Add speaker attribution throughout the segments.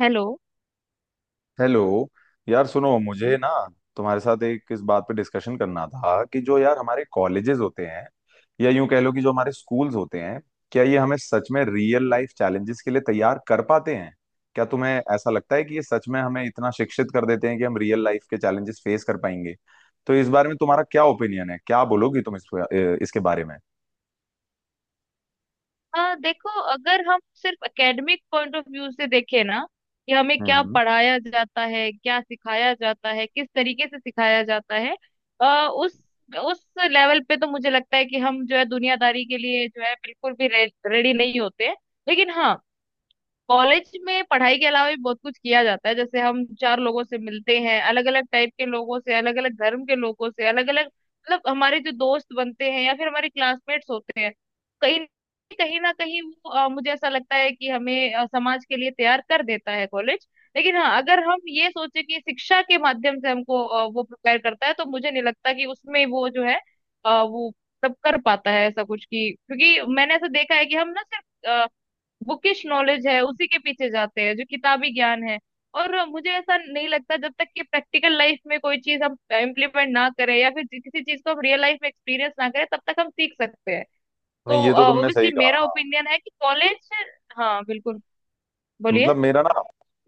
Speaker 1: Hello.
Speaker 2: Hello यार सुनो मुझे ना, तुम्हारे साथ एक इस बात पे डिस्कशन करना था कि जो यार हमारे कॉलेजेस होते हैं या यूं कह लो कि जो हमारे स्कूल्स होते हैं। क्या ये हमें सच में रियल लाइफ चैलेंजेस के लिए तैयार कर पाते हैं? क्या तुम्हें ऐसा लगता है कि ये सच में हमें इतना शिक्षित कर देते हैं कि हम रियल लाइफ के चैलेंजेस फेस कर पाएंगे? तो इस बारे में तुम्हारा क्या ओपिनियन है, क्या बोलोगी तुम इस इसके बारे में?
Speaker 1: हाँ, देखो, अगर हम सिर्फ एकेडमिक पॉइंट ऑफ व्यू से देखें ना कि हमें
Speaker 2: हम्म
Speaker 1: क्या
Speaker 2: हम्म।
Speaker 1: पढ़ाया जाता है, क्या सिखाया जाता है, किस तरीके से सिखाया जाता है। आ, उस उस लेवल पे तो मुझे लगता है कि हम जो है दुनियादारी के लिए जो है बिल्कुल भी रेडी नहीं होते हैं। लेकिन हाँ, कॉलेज में पढ़ाई के अलावा भी बहुत कुछ किया जाता है, जैसे हम चार लोगों से मिलते हैं, अलग अलग टाइप के लोगों से, अलग अलग धर्म के लोगों से, अलग अलग मतलब हमारे जो दोस्त बनते हैं या फिर हमारे क्लासमेट्स होते हैं। कहीं कहीं ना कहीं वो मुझे ऐसा लगता है कि हमें समाज के लिए तैयार कर देता है कॉलेज। लेकिन हाँ, अगर हम ये सोचे कि शिक्षा के माध्यम से हमको वो प्रिपेयर करता है तो मुझे नहीं लगता कि उसमें वो जो है वो सब कर पाता है ऐसा कुछ कि, क्योंकि मैंने ऐसा देखा है कि हम ना सिर्फ बुकिश नॉलेज है उसी के पीछे जाते हैं जो किताबी ज्ञान है। और मुझे ऐसा नहीं लगता, जब तक कि प्रैक्टिकल लाइफ में कोई चीज हम इम्प्लीमेंट ना करें या फिर किसी चीज को हम रियल लाइफ में एक्सपीरियंस ना करें, तब तक हम सीख सकते हैं। तो
Speaker 2: नहीं ये तो तुमने सही
Speaker 1: ऑब्वियसली
Speaker 2: कहा।
Speaker 1: मेरा ओपिनियन है कि कॉलेज। हाँ बिल्कुल। बोलिए।
Speaker 2: मतलब मेरा ना,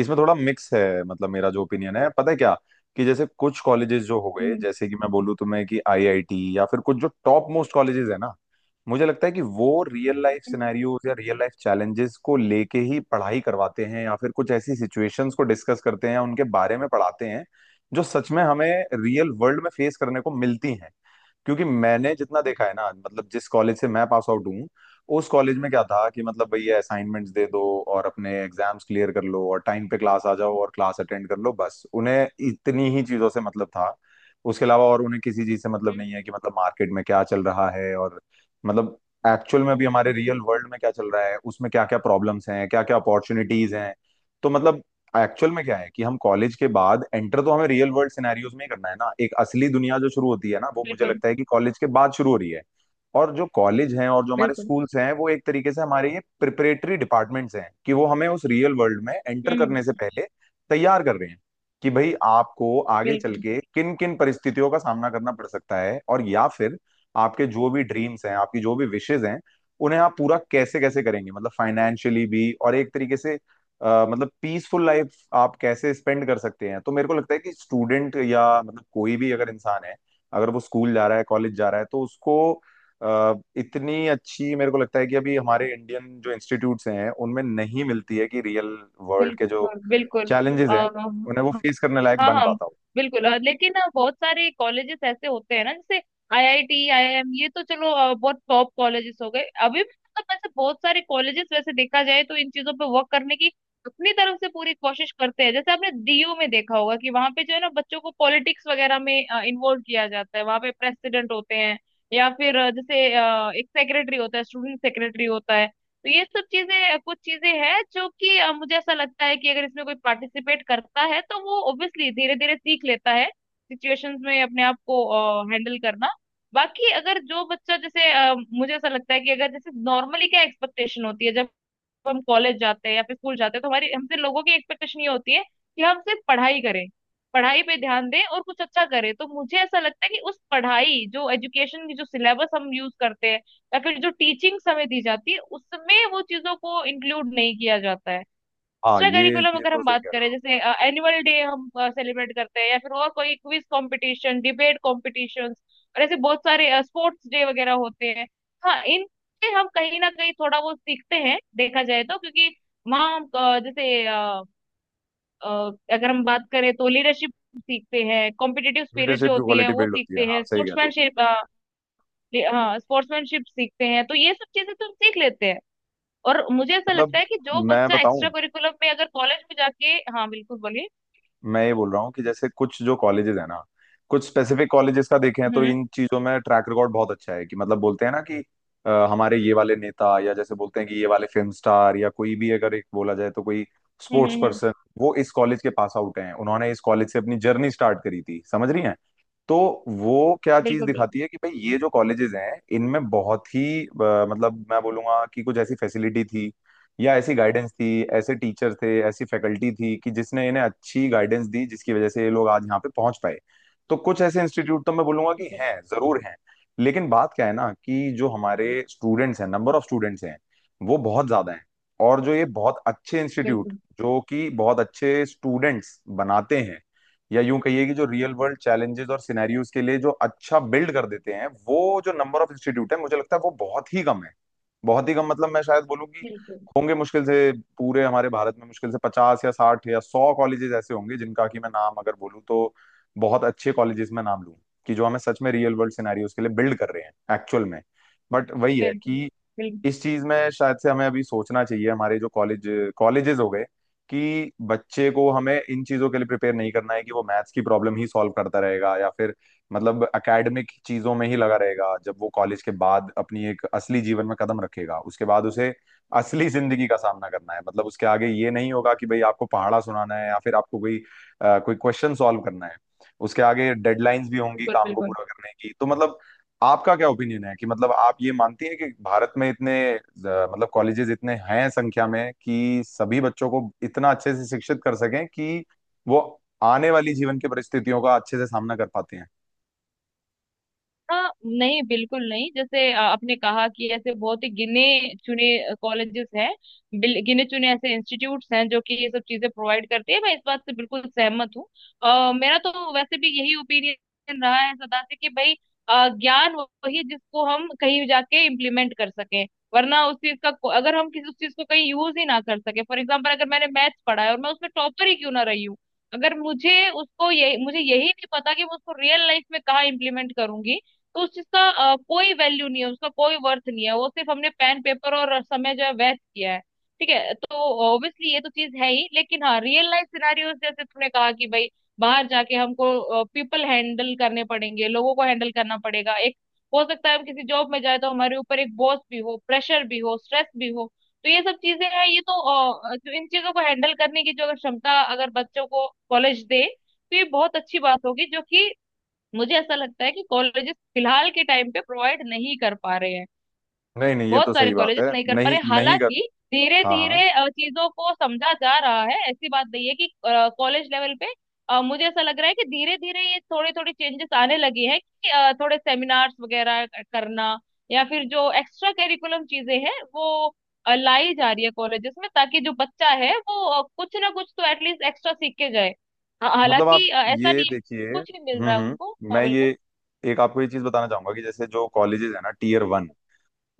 Speaker 2: इसमें थोड़ा मिक्स है, मतलब मेरा जो ओपिनियन है पता है क्या, कि जैसे कुछ कॉलेजेस जो हो गए
Speaker 1: हम्म।
Speaker 2: जैसे कि मैं बोलूँ तुम्हें कि आईआईटी या फिर कुछ जो टॉप मोस्ट कॉलेजेस है ना, मुझे लगता है कि वो रियल लाइफ
Speaker 1: हम्म।
Speaker 2: सिनेरियोज या रियल लाइफ चैलेंजेस को लेके ही पढ़ाई करवाते हैं या फिर कुछ ऐसी सिचुएशंस को डिस्कस करते हैं उनके बारे में पढ़ाते हैं जो सच में हमें रियल वर्ल्ड में फेस करने को मिलती हैं। क्योंकि मैंने जितना देखा है ना, मतलब जिस कॉलेज से मैं पास आउट हूँ उस कॉलेज में क्या था कि मतलब भैया
Speaker 1: हम्म।
Speaker 2: असाइनमेंट्स दे दो और अपने एग्जाम्स क्लियर कर लो और टाइम पे क्लास आ जाओ और क्लास अटेंड कर लो, बस उन्हें इतनी ही चीजों से मतलब था। उसके अलावा और उन्हें किसी चीज से मतलब
Speaker 1: हम्म।
Speaker 2: नहीं है कि मतलब मार्केट में क्या चल रहा है और मतलब एक्चुअल में भी हमारे रियल वर्ल्ड में क्या चल रहा है, उसमें क्या क्या प्रॉब्लम्स हैं क्या क्या अपॉर्चुनिटीज हैं। तो मतलब एक्चुअल में क्या है कि हम कॉलेज के बाद एंटर तो हमें रियल वर्ल्ड सिनेरियोज में ही करना है ना, एक असली दुनिया जो शुरू होती है ना वो मुझे
Speaker 1: बिल्कुल
Speaker 2: लगता है कि कॉलेज के बाद शुरू हो रही है। और जो कॉलेज हैं और जो हमारे
Speaker 1: बिल्कुल।
Speaker 2: स्कूल्स हैं वो एक तरीके से हमारे ये प्रिपरेटरी डिपार्टमेंट्स हैं कि वो हमें उस रियल वर्ल्ड में एंटर करने से
Speaker 1: हम्म।
Speaker 2: पहले तैयार कर रहे हैं, कि भाई आपको आगे चल
Speaker 1: बिल्कुल
Speaker 2: के किन किन परिस्थितियों का सामना करना पड़ सकता है, और या फिर आपके जो भी ड्रीम्स हैं आपकी जो भी विशेज हैं उन्हें आप पूरा कैसे कैसे करेंगे, मतलब फाइनेंशियली भी और एक तरीके से मतलब पीसफुल लाइफ आप कैसे स्पेंड कर सकते हैं। तो मेरे को लगता है कि स्टूडेंट या मतलब कोई भी अगर इंसान है, अगर वो स्कूल जा रहा है कॉलेज जा रहा है तो उसको इतनी अच्छी मेरे को लगता है कि अभी हमारे इंडियन जो इंस्टीट्यूट्स हैं उनमें नहीं मिलती है कि रियल वर्ल्ड के जो
Speaker 1: बिल्कुल। बिल्कुल।
Speaker 2: चैलेंजेस हैं उन्हें वो
Speaker 1: अ,
Speaker 2: फेस करने लायक
Speaker 1: हाँ
Speaker 2: बन
Speaker 1: हाँ
Speaker 2: पाता हो।
Speaker 1: बिल्कुल। लेकिन बहुत सारे कॉलेजेस ऐसे होते हैं ना, जैसे आईआईटी, आईआईएम, ये तो चलो बहुत टॉप कॉलेजेस हो गए। अभी भी मतलब वैसे बहुत सारे कॉलेजेस वैसे देखा जाए तो इन चीजों पे वर्क करने की अपनी तरफ से पूरी कोशिश करते हैं, जैसे आपने डीयू में देखा होगा कि वहां पे जो है ना बच्चों को पॉलिटिक्स वगैरह में इन्वॉल्व किया जाता है, वहां पे प्रेसिडेंट होते हैं या फिर जैसे एक सेक्रेटरी होता है, स्टूडेंट सेक्रेटरी होता है। तो ये सब चीजें, कुछ चीजें हैं जो कि मुझे ऐसा लगता है कि अगर इसमें कोई पार्टिसिपेट करता है तो वो ऑब्वियशली धीरे धीरे सीख लेता है सिचुएशंस में अपने आप को हैंडल करना। बाकी अगर जो बच्चा, जैसे मुझे ऐसा लगता है कि अगर जैसे नॉर्मली क्या एक्सपेक्टेशन होती है जब जब हम कॉलेज जाते हैं या फिर स्कूल जाते हैं, तो हमारी हमसे लोगों की एक्सपेक्टेशन ये होती है कि हम सिर्फ पढ़ाई करें, पढ़ाई पे ध्यान दें और कुछ अच्छा करें। तो मुझे ऐसा लगता है कि उस पढ़ाई, जो एजुकेशन की जो सिलेबस हम यूज करते हैं या फिर जो टीचिंग्स हमें दी जाती है, उसमें वो चीजों को इंक्लूड नहीं किया जाता है।
Speaker 2: हाँ
Speaker 1: एक्स्ट्रा
Speaker 2: ये
Speaker 1: करिकुलम
Speaker 2: ये
Speaker 1: अगर
Speaker 2: तो
Speaker 1: हम
Speaker 2: सही
Speaker 1: बात
Speaker 2: कह रहे
Speaker 1: करें,
Speaker 2: हो।
Speaker 1: जैसे एनुअल डे हम सेलिब्रेट करते हैं या फिर और कोई क्विज कंपटीशन, डिबेट कॉम्पिटिशन्स और ऐसे बहुत सारे स्पोर्ट्स डे वगैरह होते हैं। हाँ, इनसे हम कहीं ना कहीं थोड़ा बहुत सीखते हैं देखा जाए तो, क्योंकि वहाँ हम अगर हम बात करें तो लीडरशिप सीखते हैं, कॉम्पिटिटिव स्पिरिट
Speaker 2: लीडरशिप
Speaker 1: जो
Speaker 2: की
Speaker 1: होती है
Speaker 2: क्वालिटी
Speaker 1: वो
Speaker 2: बिल्ड होती
Speaker 1: सीखते
Speaker 2: है, हाँ
Speaker 1: हैं,
Speaker 2: सही कह रहे हो।
Speaker 1: स्पोर्ट्समैनशिप। हाँ स्पोर्ट्समैनशिप सीखते हैं, तो ये सब चीजें तो हम सीख लेते हैं। और मुझे ऐसा
Speaker 2: मतलब
Speaker 1: लगता है कि जो
Speaker 2: मैं
Speaker 1: बच्चा
Speaker 2: बताऊं,
Speaker 1: एक्स्ट्रा करिकुलम में अगर कॉलेज में जाके। हाँ बिल्कुल, बोलिए।
Speaker 2: मैं ये बोल रहा हूँ कि जैसे कुछ जो कॉलेजेस है ना, कुछ स्पेसिफिक कॉलेजेस का देखें तो
Speaker 1: हम्म।
Speaker 2: इन चीजों में ट्रैक रिकॉर्ड बहुत अच्छा है कि मतलब बोलते हैं ना कि हमारे ये वाले नेता या जैसे बोलते हैं कि ये वाले फिल्म स्टार या कोई भी अगर एक बोला जाए तो कोई
Speaker 1: हम्म।
Speaker 2: Sports
Speaker 1: hmm. हम्म।
Speaker 2: पर्सन, वो इस कॉलेज के पास आउट हैं, उन्होंने इस कॉलेज से अपनी जर्नी स्टार्ट करी थी, समझ रही हैं? तो वो क्या चीज
Speaker 1: बिल्कुल
Speaker 2: दिखाती है कि भाई ये जो कॉलेजेस हैं इनमें बहुत ही मतलब मैं बोलूंगा कि कुछ ऐसी फैसिलिटी थी या ऐसी गाइडेंस थी, ऐसे टीचर थे ऐसी फैकल्टी थी कि जिसने इन्हें अच्छी गाइडेंस दी जिसकी वजह से ये लोग आज यहाँ पे पहुंच पाए। तो कुछ ऐसे इंस्टीट्यूट तो मैं बोलूंगा कि
Speaker 1: बिल्कुल।
Speaker 2: हैं, जरूर हैं। लेकिन बात क्या है ना कि जो हमारे स्टूडेंट्स हैं नंबर ऑफ स्टूडेंट्स हैं वो बहुत ज्यादा हैं, और जो ये बहुत अच्छे इंस्टीट्यूट
Speaker 1: बिल्कुल
Speaker 2: जो कि बहुत अच्छे स्टूडेंट्स बनाते हैं या यूं कहिए कि जो रियल वर्ल्ड चैलेंजेस और सिनेरियोज के लिए जो अच्छा बिल्ड कर देते हैं वो जो नंबर ऑफ इंस्टीट्यूट है मुझे लगता है वो बहुत ही कम है। बहुत ही कम, मतलब मैं शायद बोलूँ कि
Speaker 1: बिल्कुल।
Speaker 2: होंगे मुश्किल से, पूरे हमारे भारत में मुश्किल से 50 या 60 या 100 कॉलेजेस ऐसे होंगे जिनका कि मैं नाम अगर बोलूँ तो बहुत अच्छे कॉलेजेस में नाम लूँ, कि जो हमें सच में रियल वर्ल्ड सिनेरियोज के लिए बिल्ड कर रहे हैं एक्चुअल में। बट वही है
Speaker 1: बिल्कुल
Speaker 2: कि
Speaker 1: बिल्कुल।
Speaker 2: इस चीज में शायद से हमें अभी सोचना चाहिए हमारे जो कॉलेजेस हो गए, कि बच्चे को हमें इन चीजों के लिए प्रिपेयर नहीं करना है कि वो मैथ्स की प्रॉब्लम ही सॉल्व करता रहेगा या फिर मतलब एकेडमिक चीजों में ही लगा रहेगा। जब वो कॉलेज के बाद अपनी एक असली जीवन में कदम रखेगा उसके बाद उसे असली जिंदगी का सामना करना है, मतलब उसके आगे ये नहीं होगा कि भाई आपको पहाड़ा सुनाना है या फिर आपको कोई क्वेश्चन सॉल्व करना है, उसके आगे डेडलाइंस भी होंगी
Speaker 1: बिल्कुल
Speaker 2: काम को
Speaker 1: बिल्कुल।
Speaker 2: पूरा करने की। तो मतलब आपका क्या ओपिनियन है कि मतलब आप ये मानती हैं कि भारत में इतने मतलब कॉलेजेस इतने हैं संख्या में कि सभी बच्चों को इतना अच्छे से शिक्षित कर सकें कि वो आने वाली जीवन की परिस्थितियों का अच्छे से सामना कर पाते हैं?
Speaker 1: हाँ, नहीं बिल्कुल नहीं। जैसे आपने कहा कि ऐसे बहुत ही गिने चुने कॉलेजेस हैं, गिने चुने ऐसे इंस्टीट्यूट्स हैं जो कि ये सब चीजें प्रोवाइड करती है, मैं इस बात से बिल्कुल सहमत हूँ। मेरा तो वैसे भी यही ओपिनियन रहा है सदा से, कि भाई ज्ञान वही है जिसको हम कहीं जाके इम्प्लीमेंट कर सकें, वरना उस चीज का अगर हम किसी उस चीज को कहीं यूज ही ना कर सके। फॉर एग्जाम्पल, अगर मैंने मैथ्स पढ़ा है और मैं उसमें टॉपर ही क्यों ना रही हूँ, अगर मुझे उसको, ये मुझे यही नहीं पता कि मैं उसको रियल लाइफ में कहाँ इम्प्लीमेंट करूंगी, तो उस चीज का कोई वैल्यू नहीं है, उसका कोई वर्थ नहीं है, वो सिर्फ हमने पेन पेपर और समय जो है वेस्ट किया है, ठीक है। तो ऑब्वियसली ये तो चीज है ही, लेकिन हाँ रियल लाइफ सिनारियोस, जैसे तुमने कहा कि भाई बाहर जाके हमको पीपल हैंडल करने पड़ेंगे, लोगों को हैंडल करना पड़ेगा, एक हो सकता है हम किसी जॉब में जाए तो हमारे ऊपर एक बॉस भी हो, प्रेशर भी हो, स्ट्रेस भी हो, तो ये सब चीजें हैं। ये तो जो इन चीजों को हैंडल करने की जो अगर क्षमता अगर बच्चों को कॉलेज दे तो ये बहुत अच्छी बात होगी, जो कि मुझे ऐसा लगता है कि कॉलेजेस फिलहाल के टाइम पे प्रोवाइड नहीं कर पा रहे हैं।
Speaker 2: नहीं नहीं ये
Speaker 1: बहुत
Speaker 2: तो
Speaker 1: सारे
Speaker 2: सही बात
Speaker 1: कॉलेजेस
Speaker 2: है।
Speaker 1: नहीं कर पा
Speaker 2: नहीं
Speaker 1: रहे।
Speaker 2: नहीं कर,
Speaker 1: हालांकि धीरे
Speaker 2: हाँ हाँ।
Speaker 1: धीरे चीजों को समझा जा रहा है, ऐसी बात नहीं है कि कॉलेज लेवल पे मुझे ऐसा लग रहा है कि धीरे धीरे ये थोड़े थोड़े चेंजेस आने लगे हैं, कि थोड़े सेमिनार्स वगैरह करना या फिर जो एक्स्ट्रा करिकुलम चीजें हैं वो लाई जा रही है कॉलेजेस में, ताकि जो बच्चा है वो कुछ ना कुछ तो एटलीस्ट एक्स्ट्रा सीख के जाए।
Speaker 2: मतलब आप
Speaker 1: हालांकि ऐसा
Speaker 2: ये
Speaker 1: नहीं है कि
Speaker 2: देखिए,
Speaker 1: कुछ नहीं मिल रहा है उनको।
Speaker 2: हम्म,
Speaker 1: हाँ
Speaker 2: मैं
Speaker 1: बिल्कुल।
Speaker 2: ये एक आपको ये चीज बताना चाहूंगा कि जैसे जो कॉलेजेस है ना टीयर 1,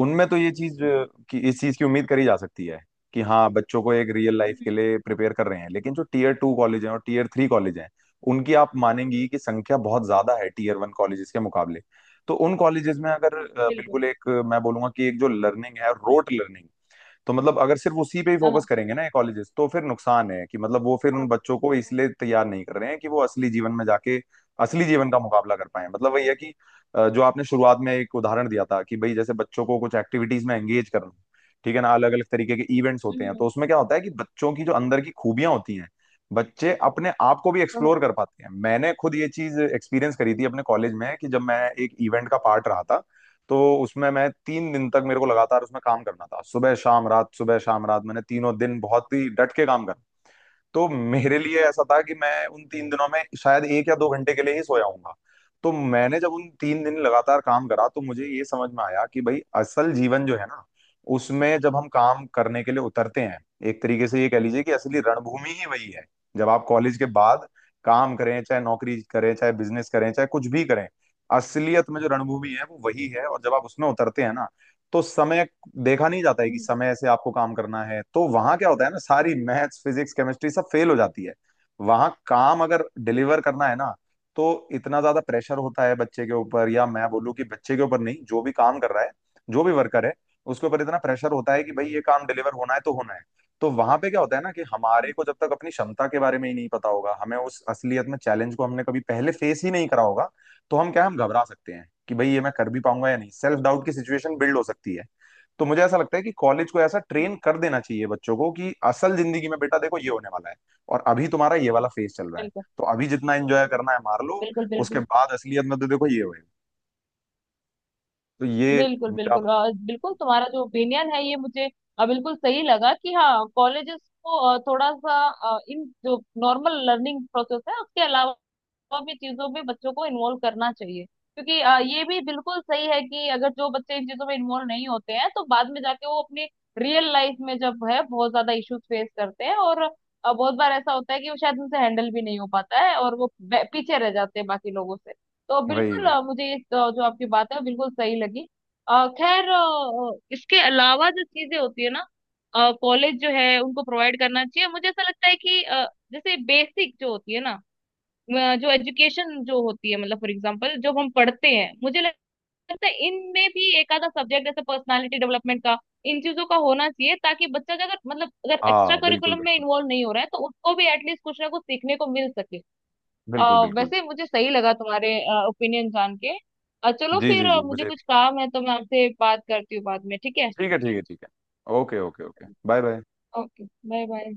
Speaker 2: उनमें तो ये चीज कि इस चीज की उम्मीद करी जा सकती है कि हाँ बच्चों को एक रियल लाइफ के
Speaker 1: हम्म,
Speaker 2: लिए प्रिपेयर कर रहे हैं, लेकिन जो टीयर 2 कॉलेज हैं और टीयर 3 कॉलेज हैं उनकी आप मानेंगी कि संख्या बहुत ज्यादा है टीयर 1 कॉलेजेस के मुकाबले। तो उन कॉलेजेस में अगर
Speaker 1: बिल्कुल।
Speaker 2: बिल्कुल एक मैं बोलूंगा कि एक जो लर्निंग है रोट लर्निंग, तो मतलब अगर सिर्फ उसी पे ही
Speaker 1: हाँ
Speaker 2: फोकस
Speaker 1: हाँ।
Speaker 2: करेंगे ना ये कॉलेजेस तो फिर नुकसान है कि मतलब वो फिर उन
Speaker 1: हाँ,
Speaker 2: बच्चों को इसलिए तैयार नहीं कर रहे हैं कि वो असली जीवन में जाके असली जीवन का मुकाबला कर पाए। मतलब वही है कि जो आपने शुरुआत में एक उदाहरण दिया था कि भाई जैसे बच्चों को कुछ एक्टिविटीज में एंगेज करना, ठीक है ना, अलग अलग तरीके के इवेंट्स होते हैं तो
Speaker 1: हम्म।
Speaker 2: उसमें क्या होता है कि बच्चों की जो अंदर की खूबियां होती हैं बच्चे अपने आप को भी
Speaker 1: तो,
Speaker 2: एक्सप्लोर कर पाते हैं। मैंने खुद ये चीज एक्सपीरियंस करी थी अपने कॉलेज में कि जब मैं एक इवेंट का पार्ट रहा था तो उसमें मैं 3 दिन तक मेरे को लगातार उसमें काम करना था, सुबह शाम रात सुबह शाम रात, मैंने तीनों दिन बहुत ही डट के काम करना। तो मेरे लिए ऐसा था कि मैं उन 3 दिनों में शायद 1 या 2 घंटे के लिए ही सोया हूंगा। तो मैंने जब उन 3 दिन लगातार काम करा तो मुझे ये समझ में आया कि भाई असल जीवन जो है ना उसमें जब हम काम करने के लिए उतरते हैं, एक तरीके से ये कह लीजिए कि असली रणभूमि ही वही है। जब आप कॉलेज के बाद काम करें चाहे नौकरी करें चाहे बिजनेस करें चाहे कुछ भी करें, असलियत में जो रणभूमि है वो वही है। और जब आप उसमें उतरते हैं ना तो समय देखा नहीं जाता है कि
Speaker 1: हम्म,
Speaker 2: समय से आपको काम करना है, तो वहां क्या होता है ना सारी मैथ्स फिजिक्स केमिस्ट्री सब फेल हो जाती है। वहां काम अगर डिलीवर करना है ना, तो इतना ज्यादा प्रेशर होता है बच्चे के ऊपर, या मैं बोलूँ कि बच्चे के ऊपर नहीं जो भी काम कर रहा है जो भी वर्कर है, उसके ऊपर इतना प्रेशर होता है कि भाई ये काम डिलीवर होना है तो होना है। तो वहां पे क्या होता है ना कि हमारे को जब तक अपनी क्षमता के बारे में ही नहीं पता होगा, हमें उस असलियत में चैलेंज को हमने कभी पहले फेस ही नहीं करा होगा, तो हम क्या है, हम घबरा सकते हैं कि भाई ये मैं कर भी पाऊंगा या नहीं, सेल्फ डाउट की सिचुएशन बिल्ड हो सकती है। तो मुझे ऐसा लगता है कि कॉलेज को ऐसा ट्रेन कर देना चाहिए बच्चों को कि असल जिंदगी में बेटा देखो ये होने वाला है और अभी तुम्हारा ये वाला फेज चल रहा है,
Speaker 1: बिल्कुल
Speaker 2: तो अभी जितना एंजॉय करना है मार लो,
Speaker 1: बिल्कुल।
Speaker 2: उसके
Speaker 1: बिल्कुल
Speaker 2: बाद असलियत में तो देखो ये होएगा। तो ये
Speaker 1: बिल्कुल।
Speaker 2: मेरा
Speaker 1: बिल्कुल
Speaker 2: मतलब,
Speaker 1: बिल्कुल तुम्हारा जो ओपिनियन है ये मुझे बिल्कुल सही लगा, कि हाँ कॉलेजेस को थोड़ा सा इन जो नॉर्मल लर्निंग प्रोसेस है उसके अलावा और भी चीजों में बच्चों को इन्वॉल्व करना चाहिए, क्योंकि ये भी बिल्कुल सही है कि अगर जो बच्चे इन चीजों में इन्वॉल्व नहीं होते हैं तो बाद में जाके वो अपने रियल लाइफ में जब है बहुत ज्यादा इश्यूज फेस करते हैं, और बहुत बार ऐसा होता है कि वो शायद उनसे हैंडल भी नहीं हो पाता है, और वो पीछे रह जाते हैं बाकी लोगों से। तो
Speaker 2: वही
Speaker 1: बिल्कुल
Speaker 2: वही।
Speaker 1: मुझे इस जो आपकी बात है वो बिल्कुल सही लगी। खैर इसके अलावा जो चीजें होती है ना कॉलेज जो है उनको प्रोवाइड करना चाहिए, मुझे ऐसा लगता है कि जैसे बेसिक जो होती है ना जो एजुकेशन जो होती है, मतलब फॉर एग्जांपल जो हम पढ़ते हैं, मुझे लगता है इनमें भी एक आधा सब्जेक्ट, जैसे पर्सनालिटी डेवलपमेंट का, इन चीजों का होना चाहिए, ताकि बच्चा जो अगर मतलब अगर एक्स्ट्रा
Speaker 2: हाँ बिल्कुल
Speaker 1: करिकुलम में
Speaker 2: बिल्कुल।
Speaker 1: इन्वॉल्व नहीं हो रहा है तो उसको भी एटलीस्ट कुछ ना कुछ सीखने को मिल सके।
Speaker 2: बिल्कुल
Speaker 1: अ,
Speaker 2: बिल्कुल।
Speaker 1: वैसे मुझे सही लगा तुम्हारे ओपिनियन जान के। चलो
Speaker 2: जी
Speaker 1: फिर,
Speaker 2: जी जी
Speaker 1: मुझे
Speaker 2: मुझे
Speaker 1: कुछ
Speaker 2: भी।
Speaker 1: काम है तो मैं आपसे बात करती हूँ बाद में, ठीक है।
Speaker 2: ठीक है ठीक है ठीक है। Okay okay okay bye bye.
Speaker 1: Okay, bye bye.